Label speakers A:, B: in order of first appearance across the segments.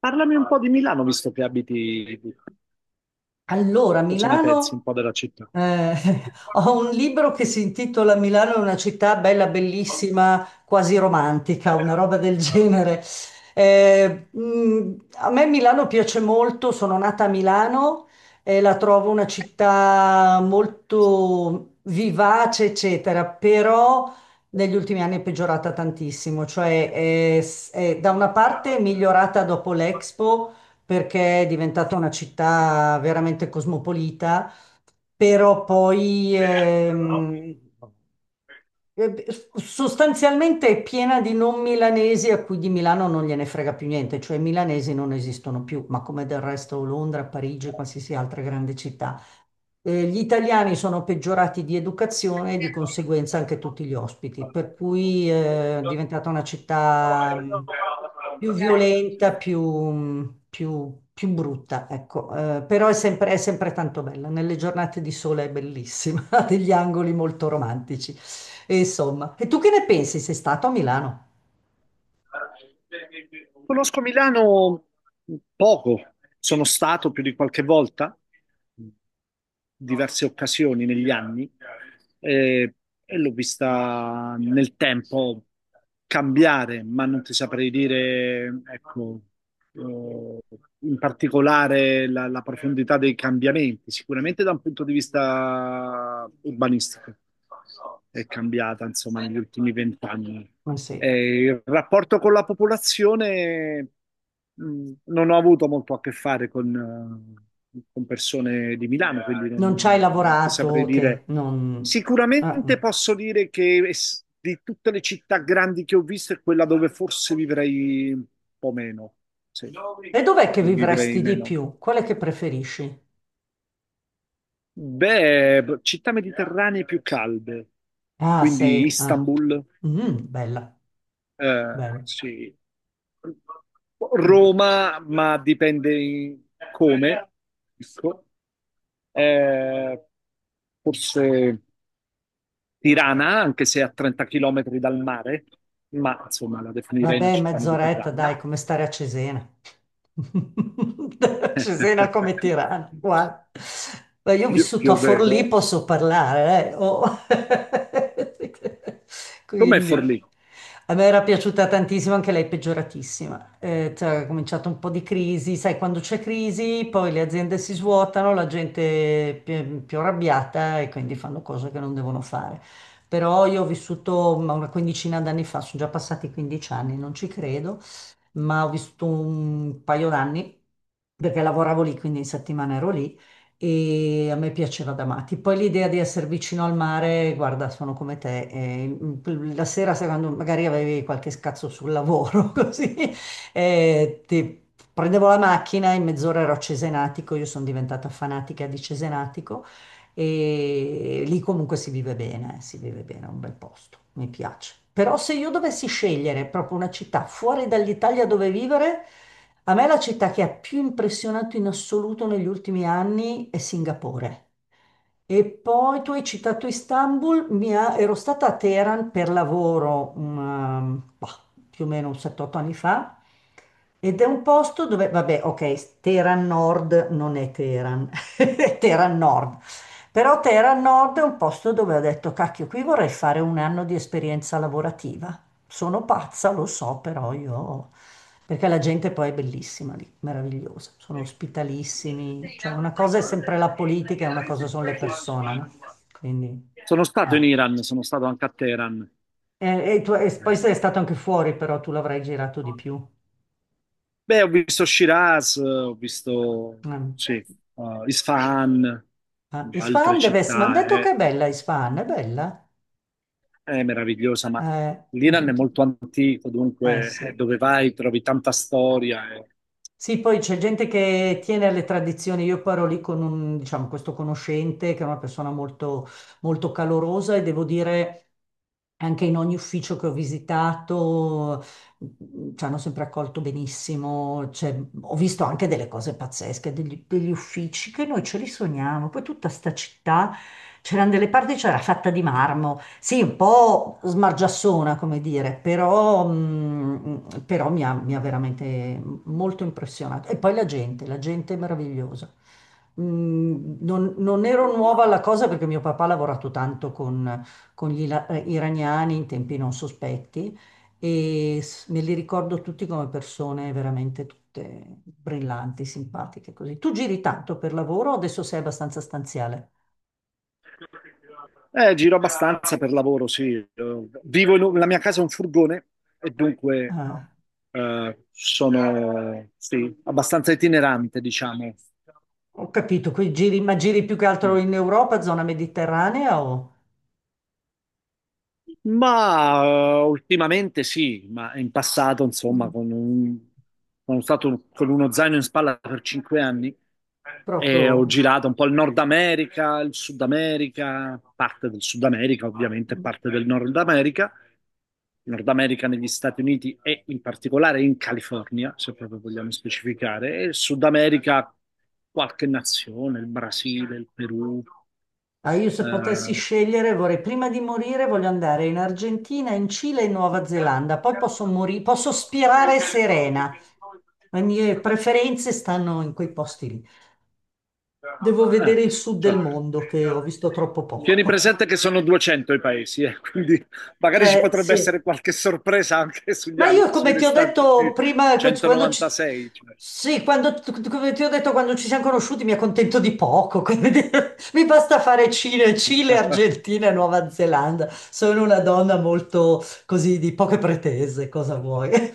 A: Parlami un po' di Milano, visto che abiti lì.
B: Allora,
A: Cosa ne pensi un
B: Milano,
A: po' della città?
B: eh, ho un libro che si intitola Milano è una città bella, bellissima, quasi romantica, una roba del genere. A me Milano piace molto, sono nata a Milano e la trovo una città molto vivace, eccetera, però negli ultimi anni è peggiorata tantissimo, da una parte è migliorata dopo l'Expo perché è diventata una città veramente cosmopolita, però poi eh, sostanzialmente è piena di non milanesi a cui di Milano non gliene frega più niente, cioè i milanesi non esistono più, ma come del resto Londra, Parigi, qualsiasi altra grande città. Gli italiani sono peggiorati di educazione e di conseguenza anche tutti gli ospiti, per cui è diventata una città più violenta, più brutta, ecco. Però è sempre tanto bella. Nelle giornate di sole è bellissima, ha degli angoli molto romantici. E insomma, e tu che ne pensi? Sei stato a Milano?
A: Conosco Milano poco, sono stato più di qualche volta, diverse occasioni negli anni, eh, e l'ho vista nel tempo cambiare, ma non ti saprei dire, ecco, eh, in particolare la profondità dei cambiamenti, sicuramente da un punto di vista urbanistico è cambiata, insomma, negli ultimi vent'anni.
B: Ma sì.
A: Il rapporto con la popolazione, non ho avuto molto a che fare con persone di Milano, quindi
B: Non ci hai
A: non ti saprei
B: lavorato? Che
A: dire.
B: non... Ah, mm.
A: Sicuramente posso dire che di tutte le città grandi che ho visto è quella dove forse vivrei un po' meno. Sì,
B: E dov'è che
A: vivrei
B: vivresti di
A: meno.
B: più? Qual è che preferisci?
A: Beh, città mediterranee più calde,
B: Ah,
A: quindi
B: sei... Ah.
A: Istanbul.
B: Mm, bella, bella.
A: Sì. Roma, ma come. Ecco. Eh, Forse Tirana, anche se a 30 km dal mare, ma insomma la definirei una
B: Vabbè,
A: città
B: mezz'oretta, dai,
A: mediterranea.
B: come stare a Cesena. Cesena come Tirana, guarda. Beh, io ho
A: Più,
B: vissuto
A: più
B: a
A: o
B: Forlì,
A: meno.
B: posso parlare, oh.
A: Com'è
B: Quindi,
A: Forlì?
B: a me era piaciuta tantissimo, anche lei peggioratissima. Cioè, è cominciato un po' di crisi, sai, quando c'è crisi, poi le aziende si svuotano, la gente è più arrabbiata e quindi fanno cose che non devono fare. Però io ho vissuto ma, una quindicina d'anni fa, sono già passati 15 anni, non ci credo, ma ho vissuto un paio d'anni perché lavoravo lì, quindi in settimana ero lì e a me piaceva da matti. Poi l'idea di essere vicino al mare, guarda, sono come te, la sera sai, quando magari avevi qualche scazzo sul lavoro, così, eh, ti- prendevo la macchina, in mezz'ora ero a Cesenatico, io sono diventata fanatica di Cesenatico e lì comunque si vive bene, è un bel posto, mi piace. Però se io dovessi scegliere proprio una città fuori dall'Italia dove vivere, a me la città che ha più impressionato in assoluto negli ultimi anni è Singapore. E poi tu hai citato Istanbul, ero stata a Teheran per lavoro bah, più o meno un 7-8 anni fa ed è un posto dove, vabbè, ok, Teheran Nord non è Teheran, è Teheran Nord, però Terra Nord è un posto dove ho detto, cacchio, qui vorrei fare un anno di esperienza lavorativa. Sono pazza, lo so, però io... Perché la gente poi è bellissima lì, meravigliosa, sono ospitalissimi, cioè una cosa è sempre la politica e una cosa sono le persone, no? Quindi...
A: Sono stato in
B: ah.
A: Iran, sono stato anche a Teheran.
B: E, e
A: Eh,
B: poi sei stato anche fuori, però tu l'avrai girato di più.
A: Beh, ho visto Shiraz, ho visto
B: Mm.
A: sì, Isfahan,
B: Ah,
A: altre
B: Isfahan deve essere... Mi hanno
A: città,
B: detto che è bella Isfahan, è bella?
A: è meravigliosa, ma
B: Ho
A: l'Iran è
B: sentito.
A: molto antico,
B: Eh
A: dunque
B: sì.
A: dove vai trovi tanta storia.
B: Sì, poi c'è gente che tiene alle tradizioni. Io poi ero lì con un, diciamo, questo conoscente che è una persona molto calorosa e devo dire anche in ogni ufficio che ho visitato ci hanno sempre accolto benissimo. Cioè, ho visto anche delle cose pazzesche, degli uffici che noi ce li sogniamo. Poi tutta sta città c'erano delle parti, c'era fatta di marmo, sì, un po' smargiassona, come dire, però, però mi ha veramente molto impressionato. E poi la gente è meravigliosa. Mm, non ero nuova alla cosa perché mio papà ha lavorato tanto con iraniani in tempi non sospetti me li ricordo tutti come persone veramente tutte brillanti, simpatiche, così. Tu giri tanto per lavoro, o adesso sei abbastanza stanziale.
A: Giro abbastanza per lavoro, sì. Vivo in la mia casa è un furgone e dunque
B: Eh.
A: sono sì, abbastanza itinerante, diciamo.
B: Ho capito, quei giri, ma giri più che altro
A: Mm.
B: in Europa, zona mediterranea o
A: Ma ultimamente sì, ma in passato, insomma,
B: mm,
A: sono stato con uno zaino in spalla per cinque anni e ho
B: proprio...
A: girato un po' il Nord America, il Sud America, parte del Sud America, ovviamente
B: Mm.
A: parte del Nord America, Nord America negli Stati Uniti e in particolare in California, se proprio vogliamo specificare, e il Sud America qualche nazione, il Brasile, il Perù,
B: Ah, io se potessi
A: eh,
B: scegliere vorrei, prima di morire, voglio andare in Argentina, in Cile e in Nuova Zelanda, poi posso morire, posso spirare serena. Le mie preferenze stanno in quei posti lì. Devo
A: eh,
B: vedere il sud del
A: certo.
B: mondo, che ho visto troppo
A: Tieni
B: poco.
A: presente che sono 200 i paesi, quindi magari ci potrebbe
B: Sì.
A: essere qualche sorpresa anche sugli
B: Ma
A: altri,
B: io,
A: sui
B: come ti ho
A: restanti
B: detto prima,
A: 196.
B: sì, come ti ho detto, quando ci siamo conosciuti mi accontento di poco, quindi mi basta fare Cile,
A: Cioè.
B: Argentina e Nuova Zelanda. Sono una donna molto così di poche pretese, cosa vuoi?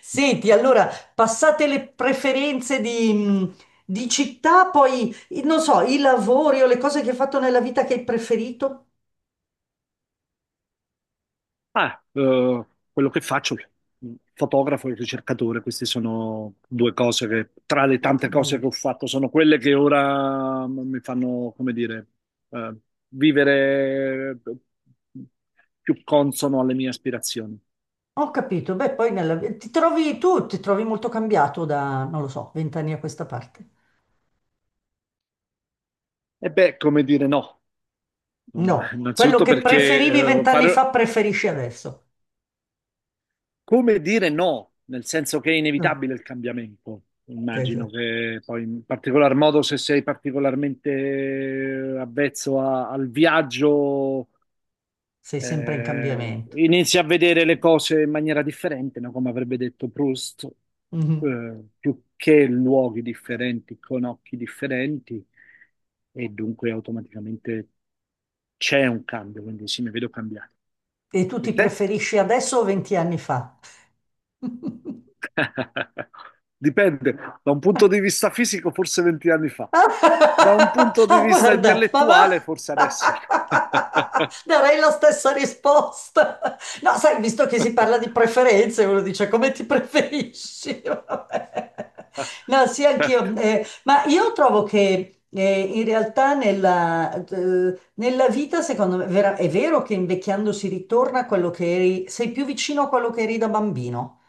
B: Senti, allora, passate le preferenze di città, poi, non so, i lavori o le cose che hai fatto nella vita che hai preferito.
A: Ah, eh, Quello che faccio, fotografo e ricercatore, queste sono due cose che tra le
B: Oh, che
A: tante cose
B: bello.
A: che ho fatto sono quelle che ora mi fanno, come dire, eh, vivere più consono alle mie aspirazioni.
B: Ho capito, beh, poi nella... ti trovi tu, ti trovi molto cambiato da, non lo so, vent'anni a questa parte.
A: E beh, come dire, no. Insomma,
B: No, quello
A: innanzitutto
B: che
A: perché
B: preferivi vent'anni fa
A: fare,
B: preferisci adesso.
A: come dire no, nel senso che è
B: No,
A: inevitabile il cambiamento.
B: te-
A: Immagino
B: te-
A: che poi, in particolar modo, se sei particolarmente avvezzo al viaggio,
B: sei sempre in cambiamento.
A: inizi a vedere le cose in maniera differente, no? Come avrebbe detto Proust,
B: Mhm.
A: più che luoghi differenti, con occhi differenti, e dunque automaticamente c'è un cambio, quindi sì, mi vedo cambiato.
B: E tu
A: E
B: ti
A: te?
B: preferisci adesso o venti anni fa?
A: Dipende, da un punto di vista fisico forse 20 anni fa, da un
B: Ah,
A: punto di vista
B: guarda, ma va?
A: intellettuale forse adesso.
B: Darei la stessa risposta. No, sai, visto che si parla di preferenze, uno dice come ti preferisci? Vabbè. No, sì,
A: Certo,
B: anch'io. Ma io trovo che in realtà nella vita, secondo me, è vero che invecchiando si ritorna a quello che eri, sei più vicino a quello che eri da bambino.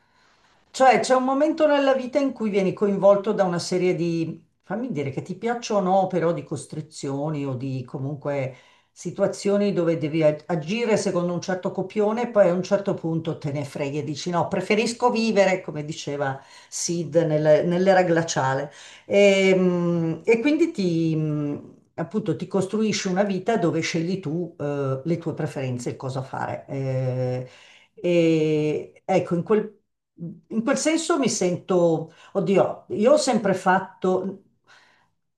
B: Cioè, c'è un momento nella vita in cui vieni coinvolto da una serie di, fammi dire che ti piacciono o no, però di costrizioni o di comunque situazioni dove devi agire secondo un certo copione e poi a un certo punto te ne freghi e dici no, preferisco vivere, come diceva Sid nell'era glaciale. E quindi appunto, ti costruisci una vita dove scegli tu, le tue preferenze e cosa fare. Ecco, in quel senso mi sento, oddio, io ho sempre fatto,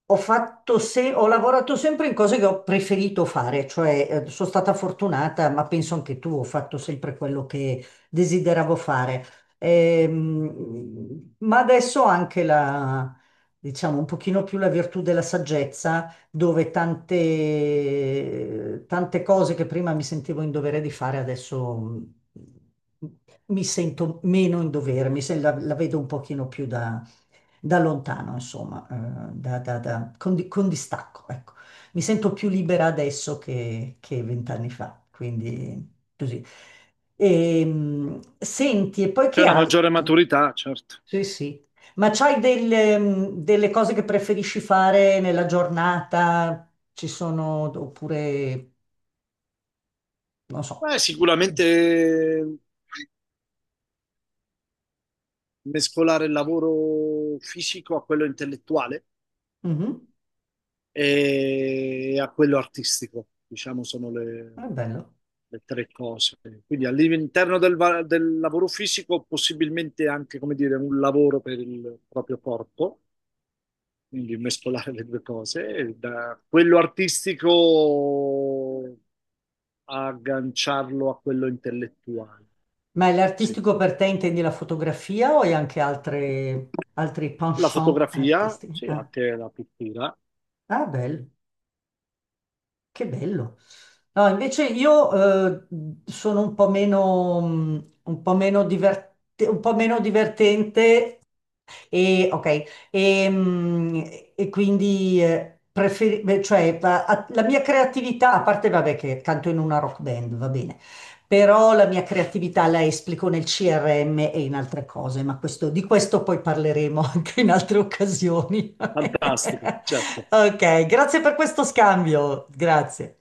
B: ho fatto ho lavorato sempre in cose che ho preferito fare, cioè sono stata fortunata, ma penso anche tu, ho fatto sempre quello che desideravo fare. Ma adesso ho anche la, diciamo, un pochino più la virtù della saggezza dove tante cose che prima mi sentivo in dovere di fare, adesso mi sento meno in dovere, la vedo un pochino più da lontano, insomma, con distacco, ecco. Mi sento più libera adesso che vent'anni fa, quindi così. E, senti, e poi
A: c'è
B: che
A: una maggiore
B: altro?
A: maturità, certo.
B: Sì, sì. Ma c'hai delle, delle cose che preferisci fare nella giornata? Ci sono, oppure, non so.
A: Beh,
B: Ci-
A: sicuramente mescolare il lavoro fisico a quello intellettuale.
B: Mhm,
A: E a quello artistico, diciamo, sono
B: è bello.
A: le tre cose. Quindi all'interno del, del lavoro fisico, possibilmente anche, come dire, un lavoro per il proprio corpo, quindi mescolare le due cose. E da quello artistico agganciarlo a quello intellettuale.
B: Ma
A: Sì.
B: l'artistico per te intendi la fotografia o hai anche altre, altri
A: La
B: penchant
A: fotografia,
B: artistici?
A: sì,
B: Ah,
A: anche la pittura.
B: ah, bello, che bello. No, invece io eh, sono un po' meno, un po' meno divertente. E, ok, e, mm, e quindi beh, la mia creatività, a parte vabbè che canto in una rock band, va bene, però la mia creatività la esplico nel CRM e in altre cose, ma di questo poi parleremo anche in altre occasioni.
A: Fantastico, certo.
B: Ok, grazie per questo scambio, grazie.